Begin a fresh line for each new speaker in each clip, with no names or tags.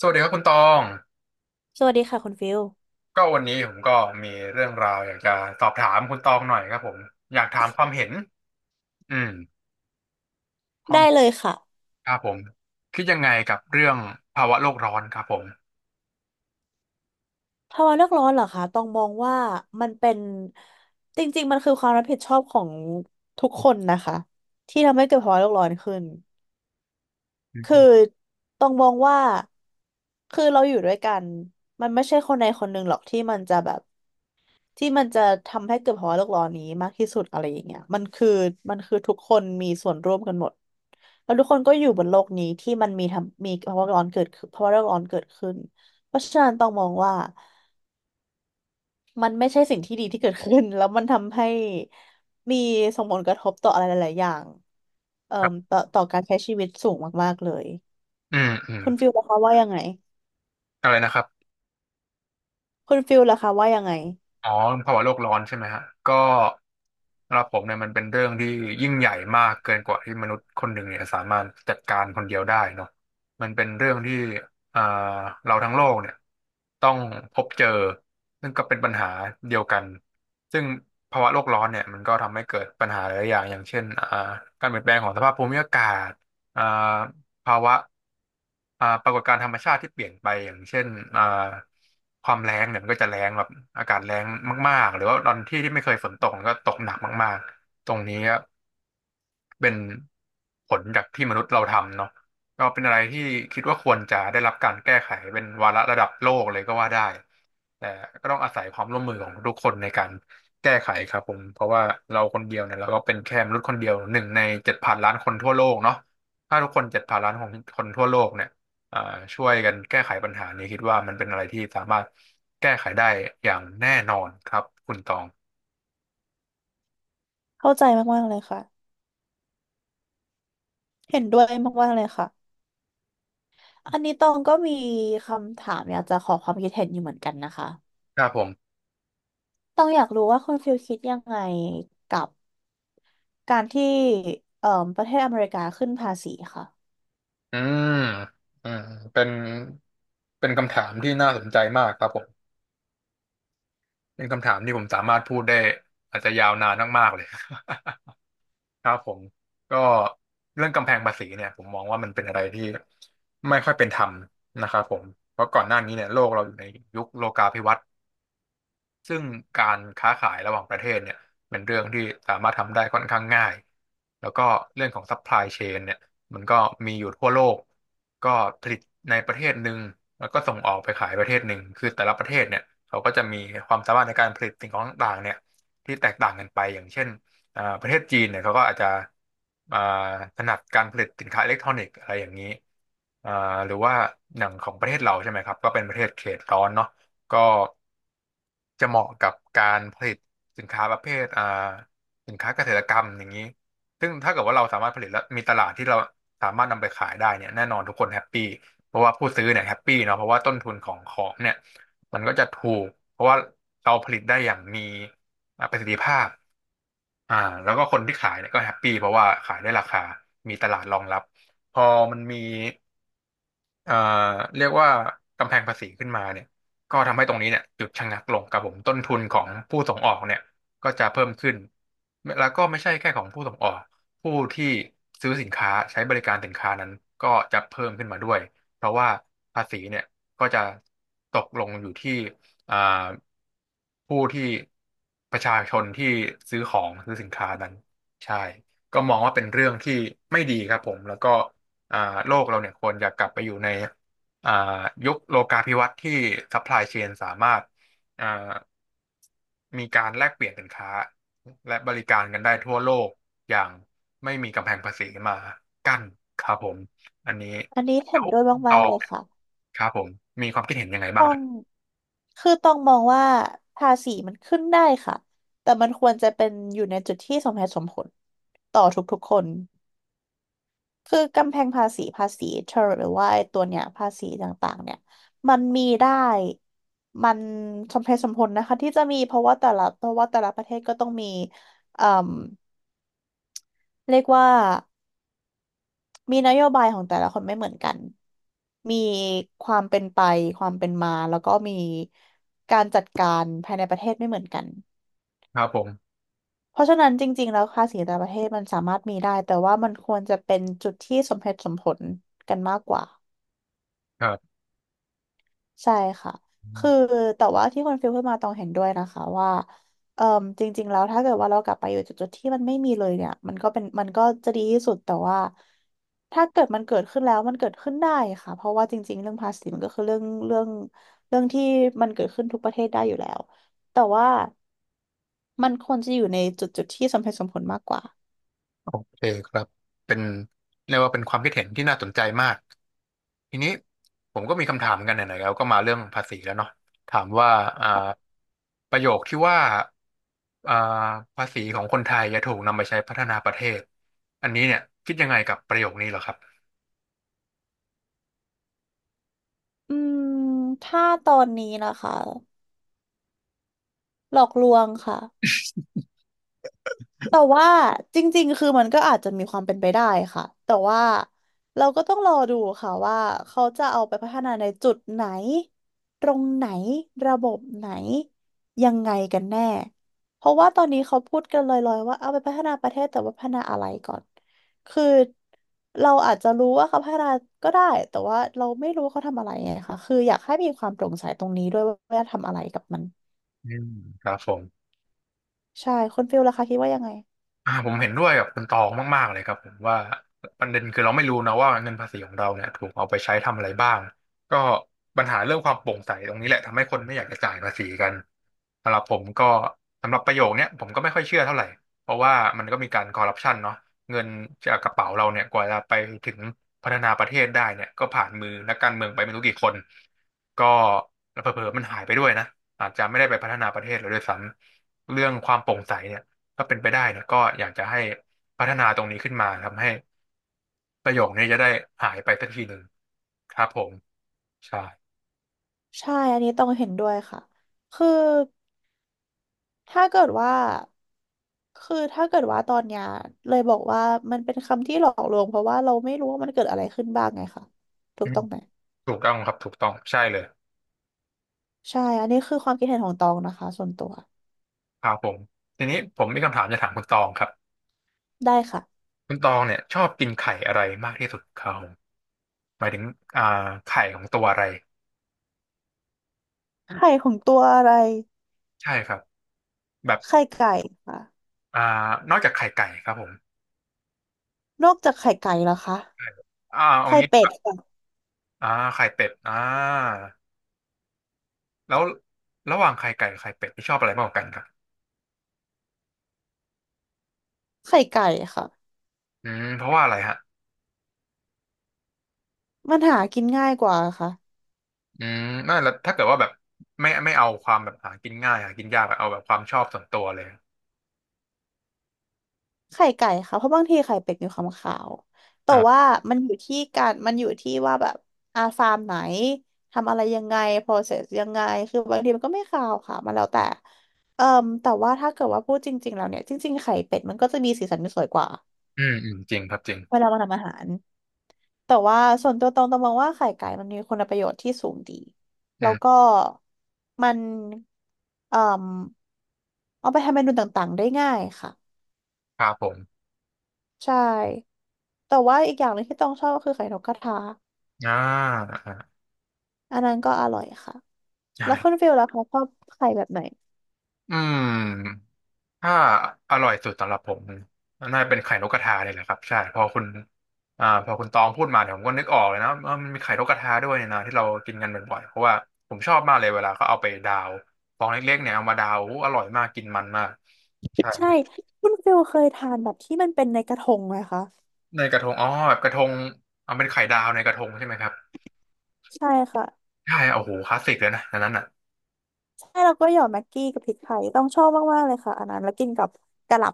สวัสดีครับคุณตอง
สวัสดีค่ะคุณฟิล
ก็วันนี้ผมก็มีเรื่องราวอยากจะสอบถามคุณตองหน่อยครับผมอยากถามความเห็นอืมค
ได้เล
วาม
ยค่ะ
ครับผมคิดยังไงกับเรื่องภาวะโลกร้อนครับผม
ภาวะโลกร้อนเหรอคะต้องมองว่ามันเป็นจริงๆมันคือความรับผิดชอบของทุกคนนะคะที่ทำให้เกิดภาวะโลกร้อนขึ้น
อื
คือ
ม
ต้องมองว่าคือเราอยู่ด้วยกันมันไม่ใช่คนใดคนหนึ่งหรอกที่มันจะแบบ ที่มันจะทำให้เกิดภาวะโลกร้อนนี้มากที่สุดอะไรอย่างเงี้ยมันคือทุกคนมีส่วนร่วมกันหมดแล้วทุกคนก็อยู่บนโลกนี้ที่มันมีภาวะร้อนเกิดขึ้นภาวะโลกร้อนเกิดขึ้นเพราะฉะนั้นต้องมองว่ามันไม่ใช่สิ่งที่ดีที่เกิดขึ้น แล้วมันทำให้มีส่งผลกระทบต่ออะไรหลายๆอย่างเอ่อ
ครับ
ต่อการใช้ชีวิตสูงมากๆเลย
อืมอืม
คุณฟิลล่ะคะว่ายังไง
อะไรนะครับ
คุณฟิลล่ะคะว่ายังไง
อ๋อภาวะโลกร้อนใช่ไหมฮะก็สำหรับผมเนี่ยมันเป็นเรื่องที่ยิ่งใหญ่มากเกินกว่าที่มนุษย์คนหนึ่งเนี่ยสามารถจัดการคนเดียวได้เนาะมันเป็นเรื่องที่อ่าเราทั้งโลกเนี่ยต้องพบเจอซึ่งก็เป็นปัญหาเดียวกันซึ่งภาวะโลกร้อนเนี่ยมันก็ทำให้เกิดปัญหาหลายอย่างอย่างเช่นการเปลี่ยนแปลงของสภาพภูมิอากาศอ่าภาวะ อ่าปรากฏการณ์ธรรมชาติที่เปลี่ยนไปอย่างเช่นอ่าความแล้งเนี่ยมันก็จะแล้งแบบอากาศแล้งมากๆหรือว่าตอนที่ที่ไม่เคยฝนตกมันก็ตกหนักมากๆตรงนี้ เป็นผลจากที่มนุษย์เราทำเนาะก็เป็นอะไรที่คิดว่าควรจะได้รับการแก้ไขเป็นวาระระดับโลกเลยก็ว่าได้แต่ก็ต้องอาศัยความร่วมมือของทุกคนในการแก้ไขครับผมเพราะว่าเราคนเดียวเนี่ยเราก็เป็นแค่มนุษย์คนเดียวหนึ่งในเจ็ดพันล้านคนทั่วโลกเนาะถ้าทุกคนเจ็ดพันล้านของคนทั่วโลกเนี่ยอ่าช่วยกันแก้ไขปัญหานี้คิดว่ามันเป็นอะไรที่สามารถแก้ไขได้อย่างแน่นอนครับคุณตอง
เข้าใจมากๆเลยค่ะเห็นด้วยมากๆเลยค่ะ อันนี้ตองก็มีคำถามอยากจะขอความคิดเห็นอยู่เหมือนกันนะคะ
ครับผม
ตองอยากรู้ว่าคุณฟิลคิดยังไงกับการที่เอ่อประเทศอเมริกาขึ้นภาษีค่ะ
อืมอ่าเป็นเป็นคำถามที่น่าสนใจมากครับผม เป็นคำถามที่ผมสามารถพูดได้อาจจะยาวนานมากๆเลย ครับผมก็เรื่องกำแพงภาษีเนี่ยผมมองว่ามันเป็นอะไรที่ไม่ค่อยเป็นธรรมนะครับผมเพราะก่อนหน้านี้เนี่ยโลกเราอยู่ในยุคโลกาภิวัตน์ ซึ่งการค้าขายระหว่างประเทศเนี่ยเป็นเรื่องที่สามารถทำได้ค่อนข้างง่ายแล้วก็เรื่องของซัพพลายเชนเนี่ยมันก็มีอยู่ทั่วโลกก็ผลิตในประเทศหนึ่งแล้วก็ส่งออกไปขายประเทศหนึ่งคือแต่ละประเทศเนี่ยเขาก็จะมีความสามารถในการผลิตสิ่งของต่างๆเนี่ยที่แตกต่างกันไปอย่างเช่นประเทศจีนเนี่ยเขาก็อาจจะอ่าถนัดการผลิตสินค้าอิเล็กทรอนิกส์อะไรอย่างนี้อ่าหรือว่าอย่างของประเทศเราใช่ไหมครับก็เป็นประเทศเขตร้อนเนาะ ก็จะเหมาะกับการผลิตสินค้าประเภทสินค้าเกษตรกรรมอย่างนี้ซึ่งถ้าเกิดว่าเราสามารถผลิตแล้วมีตลาดที่เราสามารถนำไปขายได้เนี่ยแน่นอนทุกคนแฮปปี้เพราะว่าผู้ซื้อเนี่ยแฮปปี้เนาะเพราะว่าต้นทุนของของเนี่ยมันก็จะถูกเพราะว่าเราผลิตได้อย่างมีประสิทธิภาพอ่าแล้วก็คนที่ขายเนี่ยก็แฮปปี้เพราะว่าขายได้ราคามีตลาดรองรับพอมันมี เอ่อเรียกว่ากำแพงภาษีขึ้นมาเนี่ยก็ทำให้ตรงนี้เนี่ยหยุดชะงักลงครับผมต้นทุนของผู้ส่งออกเนี่ยก็จะเพิ่มขึ้นแล้วก็ไม่ใช่แค่ของผู้ส่งออกผู้ที่ซื้อสินค้าใช้บริการสินค้านั้นก็จะเพิ่มขึ้นมาด้วยเพราะว่าภาษีเนี่ยก็จะตกลงอยู่ที่อ่าผู้ที่ประชาชนที่ซื้อของซื้อสินค้านั้นใช่ก็มองว่าเป็นเรื่องที่ไม่ดีครับผมแล้วก็ อ่าโลกเราเนี่ยควรจะกลับไปอยู่ในอ่ายุคโลกาภิวัตน์ที่ซัพพลายเชนสามารถอ่ามีการแลกเปลี่ยนสินค้าและบริการกันได้ทั่วโลกอย่างไม่มีกำแพงภาษีมากั้นครับผมอันนี้
อันนี้
แล้
เห็น
ว
ด้วย
คุณต
มาก
อ
ๆเล
ง
ย
เนี่ย
ค่ะ
ครับผมมีความคิดเห็นยังไงบ้า
ต้
ง
อ
ครั
ง
บ
คือต้องมองว่าภาษีมันขึ้นได้ค่ะ แต่มันควรจะเป็นอยู่ในจุดที่สมเหตุสมผลต่อทุกๆคน คือกำแพงภาษีภาษีเทอร์หรือว่าไอ้ตัวเนี้ยภาษีต่างๆเนี่ยมันมีได้มันสมเหตุสมผลนะคะที่จะมีเพราะว่าแต่ละเพราะว่าแต่ละประเทศก็ต้องมีเอ่มเรียกว่ามีนโยบายของแต่ละคนไม่เหมือนกันมีความเป็นไปความเป็นมาแล้วก็มีการจัดการภายในประเทศไม่เหมือนกัน
ครับผม
เพราะฉะนั้นจริงๆแล้วภาษีแต่ละประเทศมันสามารถมีได้แต่ว่ามันควรจะเป็นจุดที่สมเหตุสมผลกันมากกว่า
ครั
ใช่ค่ะ คือ
บ
แต่ว่าที่คนฟิลพูดมาต้องเห็นด้วยนะคะว่าเอ่มจริงๆแล้วถ้าเกิดว่าเรากลับไปอยู่จุดๆที่มันไม่มีเลยเนี่ยมันก็เป็นมันก็จะดีที่สุดแต่ว่าถ้าเกิดมันเกิดขึ้นแล้วมันเกิดขึ้นได้ค่ะเพราะว่าจริงๆเรื่องภาษีมันก็คือเรื่องที่มันเกิดขึ้นทุกประเทศได้อยู่แล้วแต่ว่ามันควรจะอยู่ในจุดๆที่สมเหตุสมผลมากกว่า
โอเคครับเป็นเรียกว่าเป็นความคิดเห็นที่น่าสนใจมาก ทีนี้ผมก็มีคำถามเหมือนกันไหนๆแล้วก็มาเรื่องภาษีแล้วเนาะถามว่าอ่าประโยคที่ว่าอ่าภาษีของคนไทยจะถูกนำไปใช้พัฒนาประเทศ อันนี้เนี่ยคิดยังไงกับประโยคนี้เหรอครับ
อืมถ้าตอนนี้นะคะหลอกลวงค่ะ แต่ว่าจริงๆ คือมันก็อาจจะมีความเป็นไปได้ค่ะแต่ว่าเราก็ต้องรอดูค่ะว่าเขาจะเอาไปพัฒนาในจุดไหนตรงไหนระบบไหนยังไงกันแน่เพราะว่าตอนนี้เขาพูดกันลอยๆว่าเอาไปพัฒนาประเทศแต่ว่าพัฒนาอะไรก่อนคือเราอาจจะรู้ว่าเขาพัฒนาก็ได้แต่ว่าเราไม่รู้ว่าเขาทำอะไรไงค่ะคืออยากให้มีความโปร่งใสตรงนี้ด้วยว่าจะทำอะไรกับมัน
อืมครับผม
ใช่คุณฟิลล่ะคะคิดว่ายังไง
ผมเห็นด้วยกับคุณตองมากๆเลยครับผมว่าประเด็นคือเราไม่รู้นะว่าเงินภาษีของเราเนี่ยถูกเอาไปใช้ทำอะไรบ้างก็ปัญหาเรื่องความโปร่งใสตรงนี้แหละทำให้คนไม่อยากจะจ่ายภาษีกันสำหรับผมก็สำหรับประโยคเนี้ยผมก็ไม่ค่อยเชื่อเท่าไหร่เพราะว่ามันก็มีการคอร์รัปชันเนาะเงินจากกระเป๋าเราเนี่ยกว่าจะไปถึงพัฒนาประเทศได้เนี่ยก็ผ่านมือนักการเมืองไปไม่รู้กี่คนก็เผลอๆมันหายไปด้วยนะอาจจะไม่ได้ไปพัฒนาประเทศเลยด้วยซ้ำเรื่องความโปร่งใสเนี่ย ถ้าเป็นไปได้เนี่ยก็อยากจะให้พัฒนาตรงนี้ขึ้นมาทำให้ประโยคนี้จะได้หายไปสักทีหนึ่งครับผมใช่
ใช่อันนี้ต้องเห็นด้วยค่ะ คือถ้าเกิดว่าคือถ้าเกิดว่าตอนเนี้ยเลยบอกว่ามันเป็นคำที่หลอกลวงเพราะว่าเราไม่รู้ว่ามันเกิดอะไรขึ้นบ้างไงค่ะถู
อื
ก
ม
ต้องไหม
ถูกต้องครับถูกต้องใช่เลย
ใช่อันนี้คือความคิดเห็นของตองนะคะส่วนตัว
ครับผมทีนี้ผมมีคำถามจะถามคุณตองครับ
ได้ค่ะ
คุณตองเนี่ยชอบกินไข่อะไรมากที่สุดครับผมหมายถึงอ่าไข่ของตัวอะไร
ไข่ของตัวอะไร
ใช่ครับแบบ
ไข่ไก่ค่ะ
อ่านอกจากไข่ไก่ครับผม
นอกจากไข่ไก่แล้วคะ
ใช่เอา
ไข่
งี้ค
เป็
รั
ด
บ
ค่ะ
อ่าไข่เป็ดอ่าแล้วระหว่างไข่ไก่กับไข่เป็ดที่ชอบอะไรมากกว่ากันครับ
ไข่ไก่ค่ะ
อืมเพราะว่าอะไรฮะ
มันหากินง่ายกว่าค่ะ
อืมนั่นแล้วถ้าเกิดว่าแบบไม่เอาความแบบหากินง่ายหากินยากอะเอาแบบความชอบส่วนตัวเลย
ไข่ไก่ค่ะเพราะบางทีไข่เป็ดมีความขาวแต่
อ่ะ
ว่ามันอยู่ที่ว่าแบบอาฟาร์มไหนทำอะไรยังไง process ยังไงคือบางทีมันก็ไม่ขาวค่ะมันแล้วแต่เอ่อแต่ว่าถ้าเกิดว่าพูดจริงๆแล้วเนี่ยจริงๆไข่เป็ดมันก็จะมีสีสันที่สวยกว่า
อืมอืมจริงครับจริง
เวลามาทำอาหารแต่ว่าส่วนตัวตองมองว่าไข่ไก่มันมีคุณประโยชน์ที่สูงดี
อื
แล้วก็
ม
มันเอ่อเอาไปทำเมนูต่างๆได้ง่ายค่ะ
ครับผม
ใช่แต่ว่าอีกอย่างหนึ่งที่ต้องชอบก็คือไข่นกกระทา
อ่าอ่า
อันนั้นก็อร่อยค่ะ
ใช่
แล้วคุณฟิลล่ะคะชอบไข่แบบไหน
อืมถ้าอร่อยสุดสำหรับผมน่าจะเป็นไข่นกกระทาเลยแหละครับใช่พอคุณพอคุณตองพูดมาเนี่ยผมก็นึกออกเลยนะว่ามันมีไข่นกกระทาด้วยเนี่ยนะที่เรากินกันบ่อยๆเพราะว่าผมชอบมากเลยเวลาเขาเอาไปดาวฟองเล็กๆเนี่ยเอามาดาวอู้อร่อยมากกินมันมาก
ใช่ คุณฟิลเคยทานแบบที่มันเป็นในกระทงไหมคะ
ในกระทงอ๋อแบบกระทงเอาเป็นไข่ดาวในกระทงใช่ไหมครับ
ใช่ค่ะ
ใช่โอ้โหคลาสสิกเลยนะอันนั้นอ่ะ
ใช่แล้วก็หยอดแม็กกี้กับพริกไทยต้องชอบมากๆเลยค่ะอันนั้นแล้วกินกับกะหล่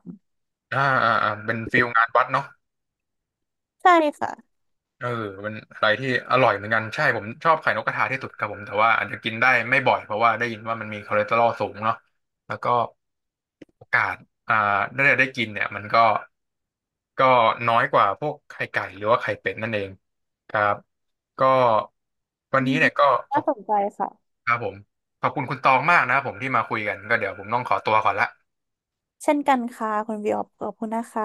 อ่าอ่าอ่าเป็นฟิลงานวัดเนาะ
ำใช่ค่ะ
เออเป็นอะไรที่อร่อยเหมือนกันใช่ผมชอบไข่นกกระทาที่สุดครับผมแต่ว่าอาจจะกินได้ไม่บ่อยเพราะว่าได้ยินว่ามันมีคอเลสเตอรอลสูงเนาะแล้วก็โอกาสอ่าได้กินเนี่ยมันก็ก็น้อยกว่าพวกไข่ไก่หรือว่าไข่เป็ดนั่นเองครับก็วัน
อื
นี้
ม
เนี่ยก็ขอ
น่า
บ
สนใจค่ะ
ครับผมขอบคุณคุณตองมากนะครับผมที่มาคุยกันก็เดี๋ยวผมต้องขอตัวก่อนละ
เช่นกันค่ะคุณวิวขอบคุณนะคะ